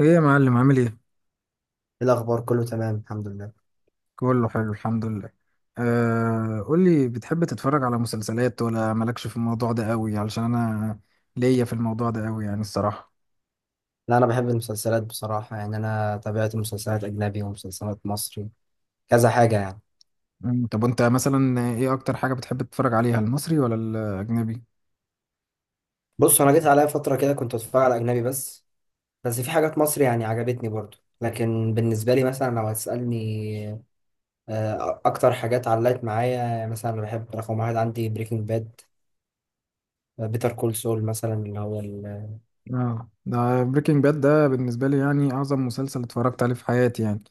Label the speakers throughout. Speaker 1: ايه يا معلم عامل ايه؟
Speaker 2: إيه الأخبار؟ كله تمام الحمد لله.
Speaker 1: كله حلو الحمد لله. قولي، بتحب تتفرج على مسلسلات ولا مالكش في الموضوع ده قوي؟ علشان انا ليا في الموضوع ده قوي يعني الصراحة.
Speaker 2: لا، أنا بحب المسلسلات بصراحة. يعني أنا تابعت مسلسلات أجنبي ومسلسلات مصري، كذا حاجة يعني.
Speaker 1: طب وانت مثلا ايه اكتر حاجة بتحب تتفرج عليها، المصري ولا الاجنبي؟
Speaker 2: بص، أنا جيت عليا فترة كده كنت أتفرج على أجنبي بس. بس في حاجات مصري يعني عجبتني برضو، لكن بالنسبة لي مثلا لو هتسألني أكتر حاجات علقت معايا. يعني مثلا أنا بحب رقم واحد عندي بريكنج باد، بيتر كول سول مثلا، اللي هو
Speaker 1: اه، ده بريكنج باد ده بالنسبة لي يعني أعظم مسلسل اتفرجت عليه في حياتي يعني،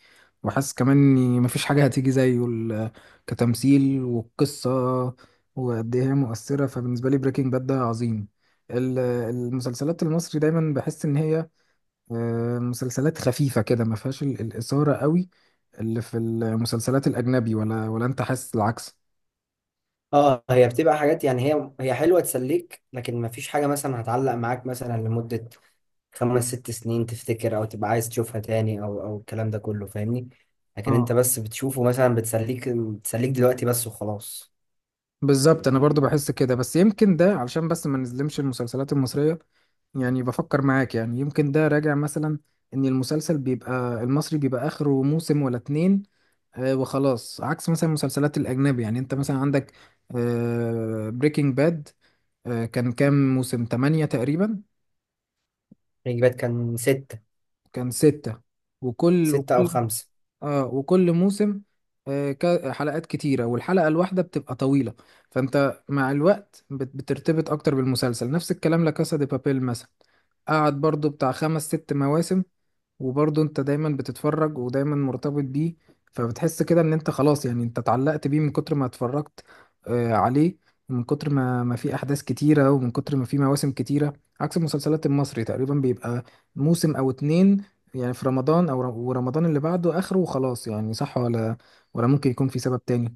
Speaker 1: وحاسس كمان إني مفيش حاجة هتيجي زيه. كتمثيل والقصة وقد إيه هي مؤثرة، فبالنسبة لي بريكنج باد ده عظيم. المسلسلات المصري دايما بحس إن هي مسلسلات خفيفة كده، ما فيهاش الإثارة قوي اللي في المسلسلات الأجنبي، ولا أنت حاسس العكس؟
Speaker 2: اه، هي بتبقى حاجات. يعني هي حلوة تسليك، لكن مفيش حاجة مثلا هتعلق معاك مثلا لمدة 5 6 سنين تفتكر، او تبقى عايز تشوفها تاني، او الكلام ده كله، فاهمني؟ لكن انت
Speaker 1: اه،
Speaker 2: بس بتشوفه مثلا، بتسليك بتسليك دلوقتي بس وخلاص.
Speaker 1: بالظبط انا برضو بحس كده، بس يمكن ده علشان بس ما نظلمش المسلسلات المصرية يعني، بفكر معاك، يعني يمكن ده راجع مثلا ان المسلسل بيبقى المصري بيبقى اخره موسم ولا اتنين وخلاص، عكس مثلا المسلسلات الاجنبي. يعني انت مثلا عندك بريكنج باد، كان كام موسم، تمانية تقريبا.
Speaker 2: الإجابات كان ستة.
Speaker 1: كان ستة، وكل
Speaker 2: ستة أو
Speaker 1: وكل
Speaker 2: خمسة.
Speaker 1: اه وكل موسم حلقات كتيرة، والحلقة الواحدة بتبقى طويلة، فانت مع الوقت بترتبط اكتر بالمسلسل. نفس الكلام لكاسا دي بابيل مثلا، قعد برضو بتاع خمس ست مواسم، وبرضه انت دايما بتتفرج ودايما مرتبط بيه. فبتحس كده ان انت خلاص يعني انت اتعلقت بيه من كتر ما اتفرجت عليه، ومن كتر ما في احداث كتيرة، ومن كتر ما في مواسم كتيرة. عكس المسلسلات المصري، تقريبا بيبقى موسم او اتنين، يعني في رمضان او ورمضان اللي بعده اخره وخلاص. يعني صح ولا ولا ممكن يكون في سبب تاني؟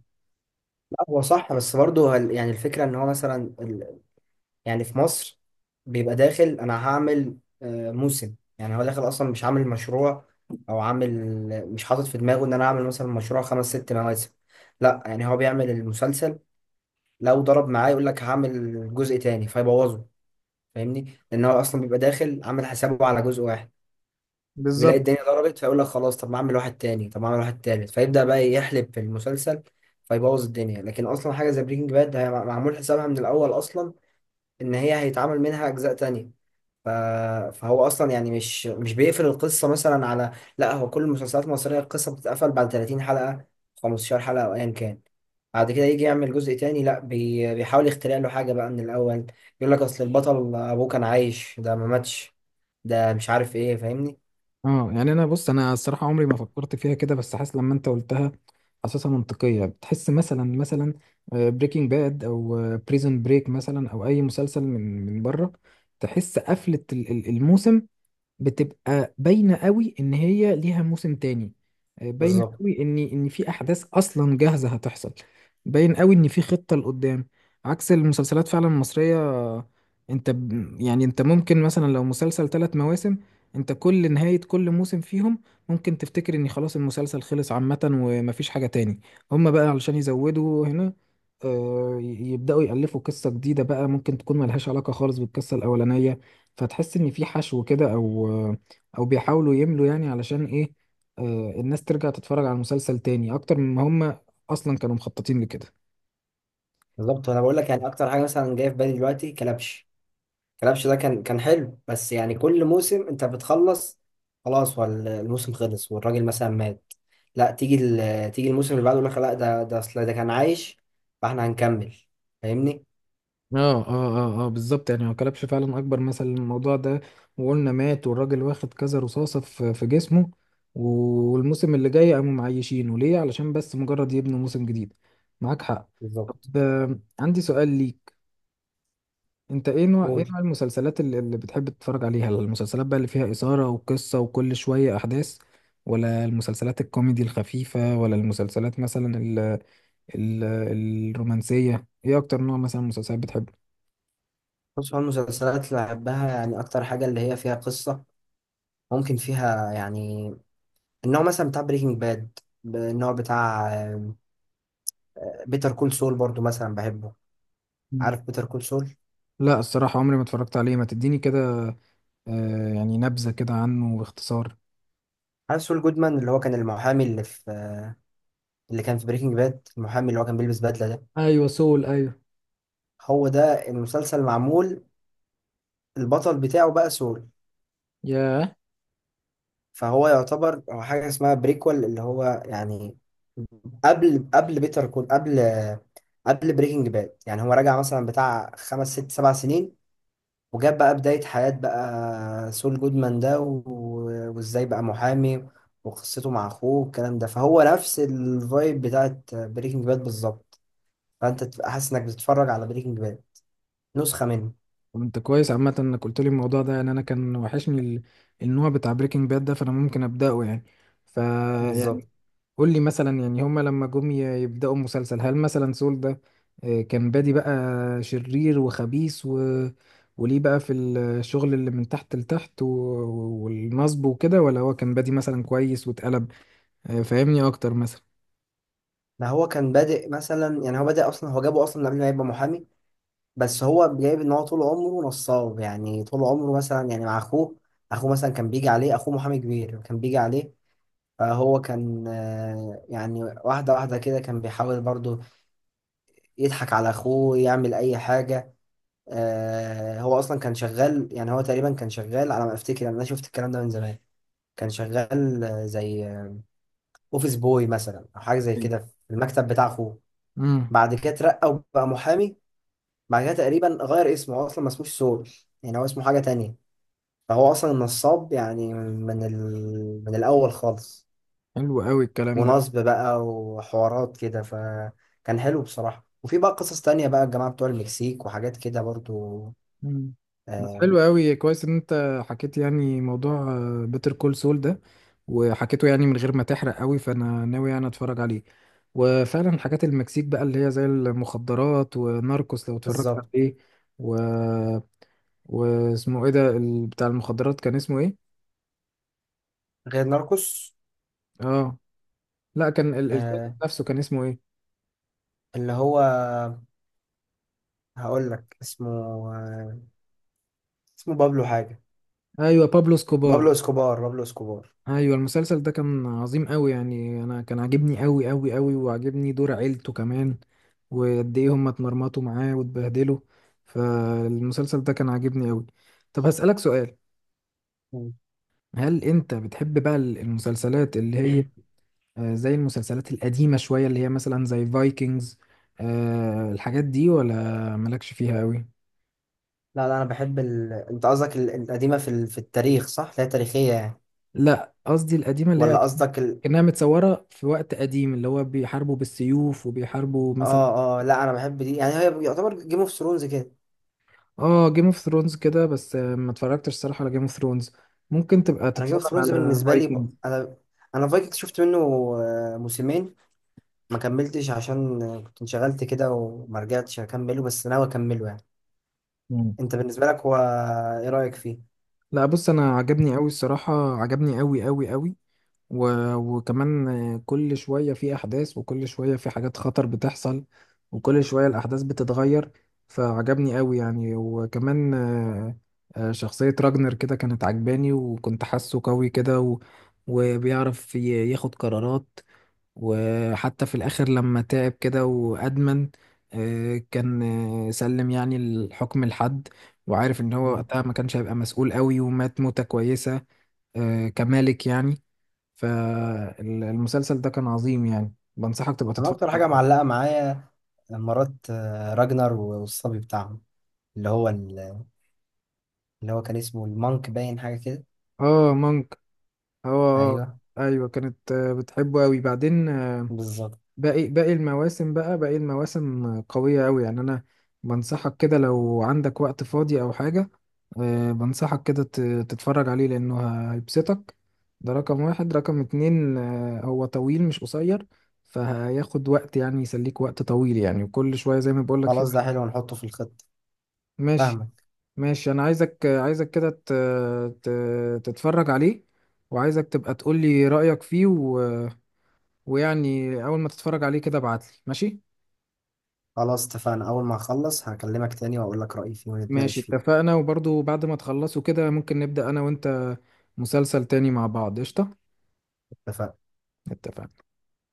Speaker 2: لا، هو صح بس برضه، يعني الفكرة إن هو مثلا ال- يعني في مصر بيبقى داخل، أنا هعمل موسم، يعني هو داخل أصلا مش عامل مشروع، أو عامل مش حاطط في دماغه إن أنا أعمل مثلا مشروع 5 6 مواسم. لا، يعني هو بيعمل المسلسل، لو ضرب معاه يقول لك هعمل جزء تاني فيبوظه، فاهمني؟ لان هو اصلا بيبقى داخل عامل حسابه على جزء واحد. بيلاقي
Speaker 1: بالظبط.
Speaker 2: الدنيا ضربت فيقول لك خلاص، طب ما اعمل واحد تاني، طب ما اعمل واحد تالت، فيبدأ بقى يحلب في المسلسل فيبوظ الدنيا. لكن اصلا حاجه زي بريكنج باد هي معمول حسابها من الاول اصلا ان هي هيتعمل منها اجزاء تانية. ف... فهو اصلا يعني مش بيقفل القصه مثلا على... لا، هو كل المسلسلات المصريه القصه بتتقفل بعد 30 حلقه، 15 حلقه او ايا كان. بعد كده يجي يعمل جزء تاني، لا بيحاول يخترع له حاجه بقى من الاول، يقول لك اصل البطل ابوه كان عايش، ده ما ماتش، ده مش عارف ايه، فاهمني؟
Speaker 1: اه يعني انا، بص انا الصراحه عمري ما فكرت فيها كده، بس حاسس لما انت قلتها حاسسها منطقيه. بتحس مثلا، بريكنج باد او بريزون بريك مثلا، او اي مسلسل من بره، تحس قفله الموسم بتبقى باينة قوي ان هي ليها موسم تاني. باينة
Speaker 2: بالظبط.
Speaker 1: قوي ان ان في احداث اصلا جاهزة هتحصل، باين قوي ان في خطة لقدام، عكس المسلسلات فعلا المصرية. انت يعني انت ممكن مثلا لو مسلسل ثلاث مواسم، انت كل نهاية كل موسم فيهم ممكن تفتكر ان خلاص المسلسل خلص عامة ومفيش حاجة تاني. هما بقى علشان يزودوا هنا، آه، ي- يبدأوا يألفوا قصة جديدة بقى ممكن تكون ملهاش علاقة خالص بالقصة الأولانية، فتحس ان في حشو كده، او او بيحاولوا يملوا يعني علشان ايه؟ الناس ترجع تتفرج على المسلسل تاني اكتر مما هم اصلا كانوا مخططين لكده.
Speaker 2: بالظبط، وانا بقول لك يعني اكتر حاجه مثلا جايه في بالي دلوقتي كلبش. كلبش ده كان حلو، بس يعني كل موسم انت بتخلص خلاص، والموسم خلص والراجل مثلا مات، لا تيجي تيجي الموسم اللي بعده يقول لك لا، ده اصل ده كان عايش، فاحنا هنكمل، فاهمني؟
Speaker 1: اه اه، اه اه، بالظبط يعني هو كلبش فعلا اكبر مثل للموضوع ده، وقلنا مات والراجل واخد كذا رصاصة في جسمه، والموسم اللي جاي قاموا معيشينه ليه علشان بس مجرد يبنوا موسم جديد. معاك حق. طب،
Speaker 2: بالظبط.
Speaker 1: عندي سؤال ليك. انت ايه نوع،
Speaker 2: قول.
Speaker 1: المسلسلات اللي بتحب تتفرج عليها؟ المسلسلات بقى اللي فيها إثارة وقصة وكل شوية أحداث، ولا المسلسلات الكوميدي الخفيفة، ولا المسلسلات مثلا ال ال الرومانسية؟ ايه اكتر نوع مثلا مسلسلات بتحبه؟
Speaker 2: بص، هو المسلسلات اللي بحبها يعني اكتر حاجه اللي هي فيها قصه، ممكن فيها يعني النوع مثلا بتاع بريكنج باد، النوع بتاع بيتر كول سول برضو مثلا بحبه.
Speaker 1: مم.
Speaker 2: عارف بيتر كول سول؟
Speaker 1: لا الصراحة عمري ما اتفرجت عليه، ما تديني كده يعني نبذة كده عنه باختصار.
Speaker 2: عارف سول جودمان اللي هو كان المحامي اللي في... اللي كان في بريكنج باد، المحامي اللي هو كان بيلبس بدلة ده.
Speaker 1: ايوه سول، ايوه.
Speaker 2: هو ده المسلسل معمول، البطل بتاعه بقى سول.
Speaker 1: ياه.
Speaker 2: فهو يعتبر هو حاجة اسمها بريكول، اللي هو يعني قبل بيتر كول، قبل بريكنج باد، يعني هو رجع مثلا بتاع 5 6 7 سنين، وجاب بقى بداية حياة بقى سول جودمان ده، وازاي بقى محامي، وقصته مع اخوه والكلام ده. فهو نفس الفايب بتاعت بريكنج باد بالظبط، فانت تبقى حاسس انك بتتفرج على بريكنج باد، نسخة منه.
Speaker 1: طب انت كويس عامة انك قلت لي الموضوع ده، يعني انا كان وحشني النوع بتاع بريكنج باد ده، فانا ممكن ابدأه يعني. ف
Speaker 2: بالظبط.
Speaker 1: قول لي مثلا يعني، هما لما جم يبدأوا المسلسل، هل مثلا سول ده كان بادي بقى شرير وخبيث، و... وليه بقى في الشغل اللي من تحت لتحت، و... والنصب وكده، ولا هو كان بادي مثلا كويس واتقلب؟ فاهمني اكتر مثلا.
Speaker 2: ما هو كان بادئ مثلا، يعني هو بادئ اصلا، هو جابه اصلا قبل ما يبقى محامي، بس هو جايب ان هو طول عمره نصاب، يعني طول عمره مثلا يعني مع اخوه، اخوه مثلا كان بيجي عليه، اخوه محامي كبير كان بيجي عليه، فهو كان يعني واحدة واحدة كده كان بيحاول برضه يضحك على أخوه، يعمل أي حاجة. هو أصلا كان شغال، يعني هو تقريبا كان شغال على ما أفتكر، يعني أنا شفت الكلام ده من زمان. كان شغال زي أوفيس بوي مثلا أو حاجة زي
Speaker 1: أيوة.
Speaker 2: كده في المكتب بتاع أخوه.
Speaker 1: امم
Speaker 2: بعد كده اترقى وبقى محامي. بعد كده تقريبا غير اسمه، هو اصلا ما اسموش سول، يعني هو اسمه حاجة تانية. فهو اصلا نصاب يعني من الاول خالص.
Speaker 1: حلو قوي الكلام ده.
Speaker 2: ونصب بقى وحوارات كده، فكان حلو بصراحة. وفي بقى قصص تانية بقى الجماعة بتوع المكسيك وحاجات كده برضو.
Speaker 1: مم. بس
Speaker 2: آه.
Speaker 1: حلو قوي، كويس ان انت حكيت يعني موضوع بيتر كول سول ده، وحكيته يعني من غير ما تحرق قوي، فانا ناوي يعني اتفرج عليه، وفعلا حاجات المكسيك بقى اللي هي زي المخدرات، وناركوس لو اتفرجت
Speaker 2: بالظبط.
Speaker 1: عليه. و... واسمه ايه ده بتاع المخدرات، كان اسمه ايه؟
Speaker 2: غير ناركوس.
Speaker 1: اه لا كان الراجل
Speaker 2: آه
Speaker 1: نفسه كان اسمه ايه؟
Speaker 2: اللي هو... هقول لك اسمه. آه اسمه بابلو حاجة.
Speaker 1: ايوه، بابلو
Speaker 2: بابلو
Speaker 1: سكوبار.
Speaker 2: اسكوبار. بابلو اسكوبار.
Speaker 1: ايوه المسلسل ده كان عظيم قوي، يعني انا كان عاجبني قوي قوي قوي، وعاجبني دور عيلته كمان وقد ايه هم اتمرمطوا معاه واتبهدلوا، فالمسلسل ده كان عاجبني قوي. طب هسألك سؤال،
Speaker 2: مم.
Speaker 1: هل انت بتحب بقى المسلسلات اللي هي زي المسلسلات القديمة شوية، اللي هي مثلا زي فايكنجز، الحاجات دي، ولا مالكش فيها قوي؟
Speaker 2: لا لا، انا بحب انت قصدك القديمة في في التاريخ، صح؟ اللي هي تاريخية يعني.
Speaker 1: لا قصدي القديمة اللي هي
Speaker 2: ولا قصدك
Speaker 1: كأنها متصورة في وقت قديم، اللي هو بيحاربوا بالسيوف وبيحاربوا مثلا.
Speaker 2: اه اه، لا انا بحب دي، يعني هي يعتبر جيم اوف ثرونز كده.
Speaker 1: اه جيم اوف ثرونز كده، بس ما اتفرجتش الصراحه على جيم اوف ثرونز. ممكن تبقى
Speaker 2: انا جيم
Speaker 1: تتفرج
Speaker 2: اوف ثرونز
Speaker 1: على
Speaker 2: بالنسبه لي
Speaker 1: فايكنجز.
Speaker 2: انا فايكنج شفت منه موسمين، ما كملتش عشان كنت انشغلت كده وما رجعتش اكمله، بس ناوي اكمله يعني. انت بالنسبه لك هو ايه رايك فيه؟
Speaker 1: لا بص انا عجبني قوي الصراحه، عجبني قوي قوي قوي، و... وكمان كل شويه في احداث، وكل شويه في حاجات خطر بتحصل، وكل شويه الاحداث بتتغير، فعجبني قوي يعني. وكمان شخصيه راجنر كده كانت عجباني، وكنت حاسه قوي كده، و... وبيعرف ياخد قرارات، وحتى في الآخر لما تعب كده وأدمن آه، كان آه، سلم يعني الحكم لحد، وعارف إن هو
Speaker 2: مم.
Speaker 1: وقتها ما كانش هيبقى مسؤول قوي، ومات موتة كويسة، كمالك يعني. فالمسلسل ده كان عظيم، يعني بنصحك تبقى
Speaker 2: انا
Speaker 1: تتفرج
Speaker 2: اكتر
Speaker 1: عليه.
Speaker 2: حاجه معلقه معايا مرات راجنر والصبي بتاعهم، اللي هو اللي هو كان اسمه المانك، باين حاجه كده.
Speaker 1: اه مونك، اه.
Speaker 2: ايوه.
Speaker 1: ايوه كانت بتحبه قوي بعدين
Speaker 2: بالظبط.
Speaker 1: باقي باقي المواسم بقى باقي المواسم قوية أوي، يعني أنا بنصحك كده لو عندك وقت فاضي أو حاجة بنصحك كده تتفرج عليه، لأنه هيبسطك. ده رقم 1. رقم 2 هو طويل مش قصير، فهياخد وقت يعني، يسليك وقت طويل يعني، وكل شوية زي ما بقولك في.
Speaker 2: خلاص ده حلو، نحطه في الخطه.
Speaker 1: ماشي.
Speaker 2: فاهمك.
Speaker 1: ماشي، أنا عايزك، كده تتفرج عليه، وعايزك تبقى تقولي رأيك فيه، و... ويعني أول ما تتفرج عليه كده ابعتلي. ماشي.
Speaker 2: خلاص اتفقنا، أول ما أخلص هكلمك تاني وأقول لك رأيي فيه
Speaker 1: ماشي
Speaker 2: ونتناقش فيه.
Speaker 1: اتفقنا، وبرضو بعد ما تخلصوا كده ممكن نبدأ أنا وأنت مسلسل تاني مع بعض، قشطة.
Speaker 2: اتفقنا.
Speaker 1: اتفقنا.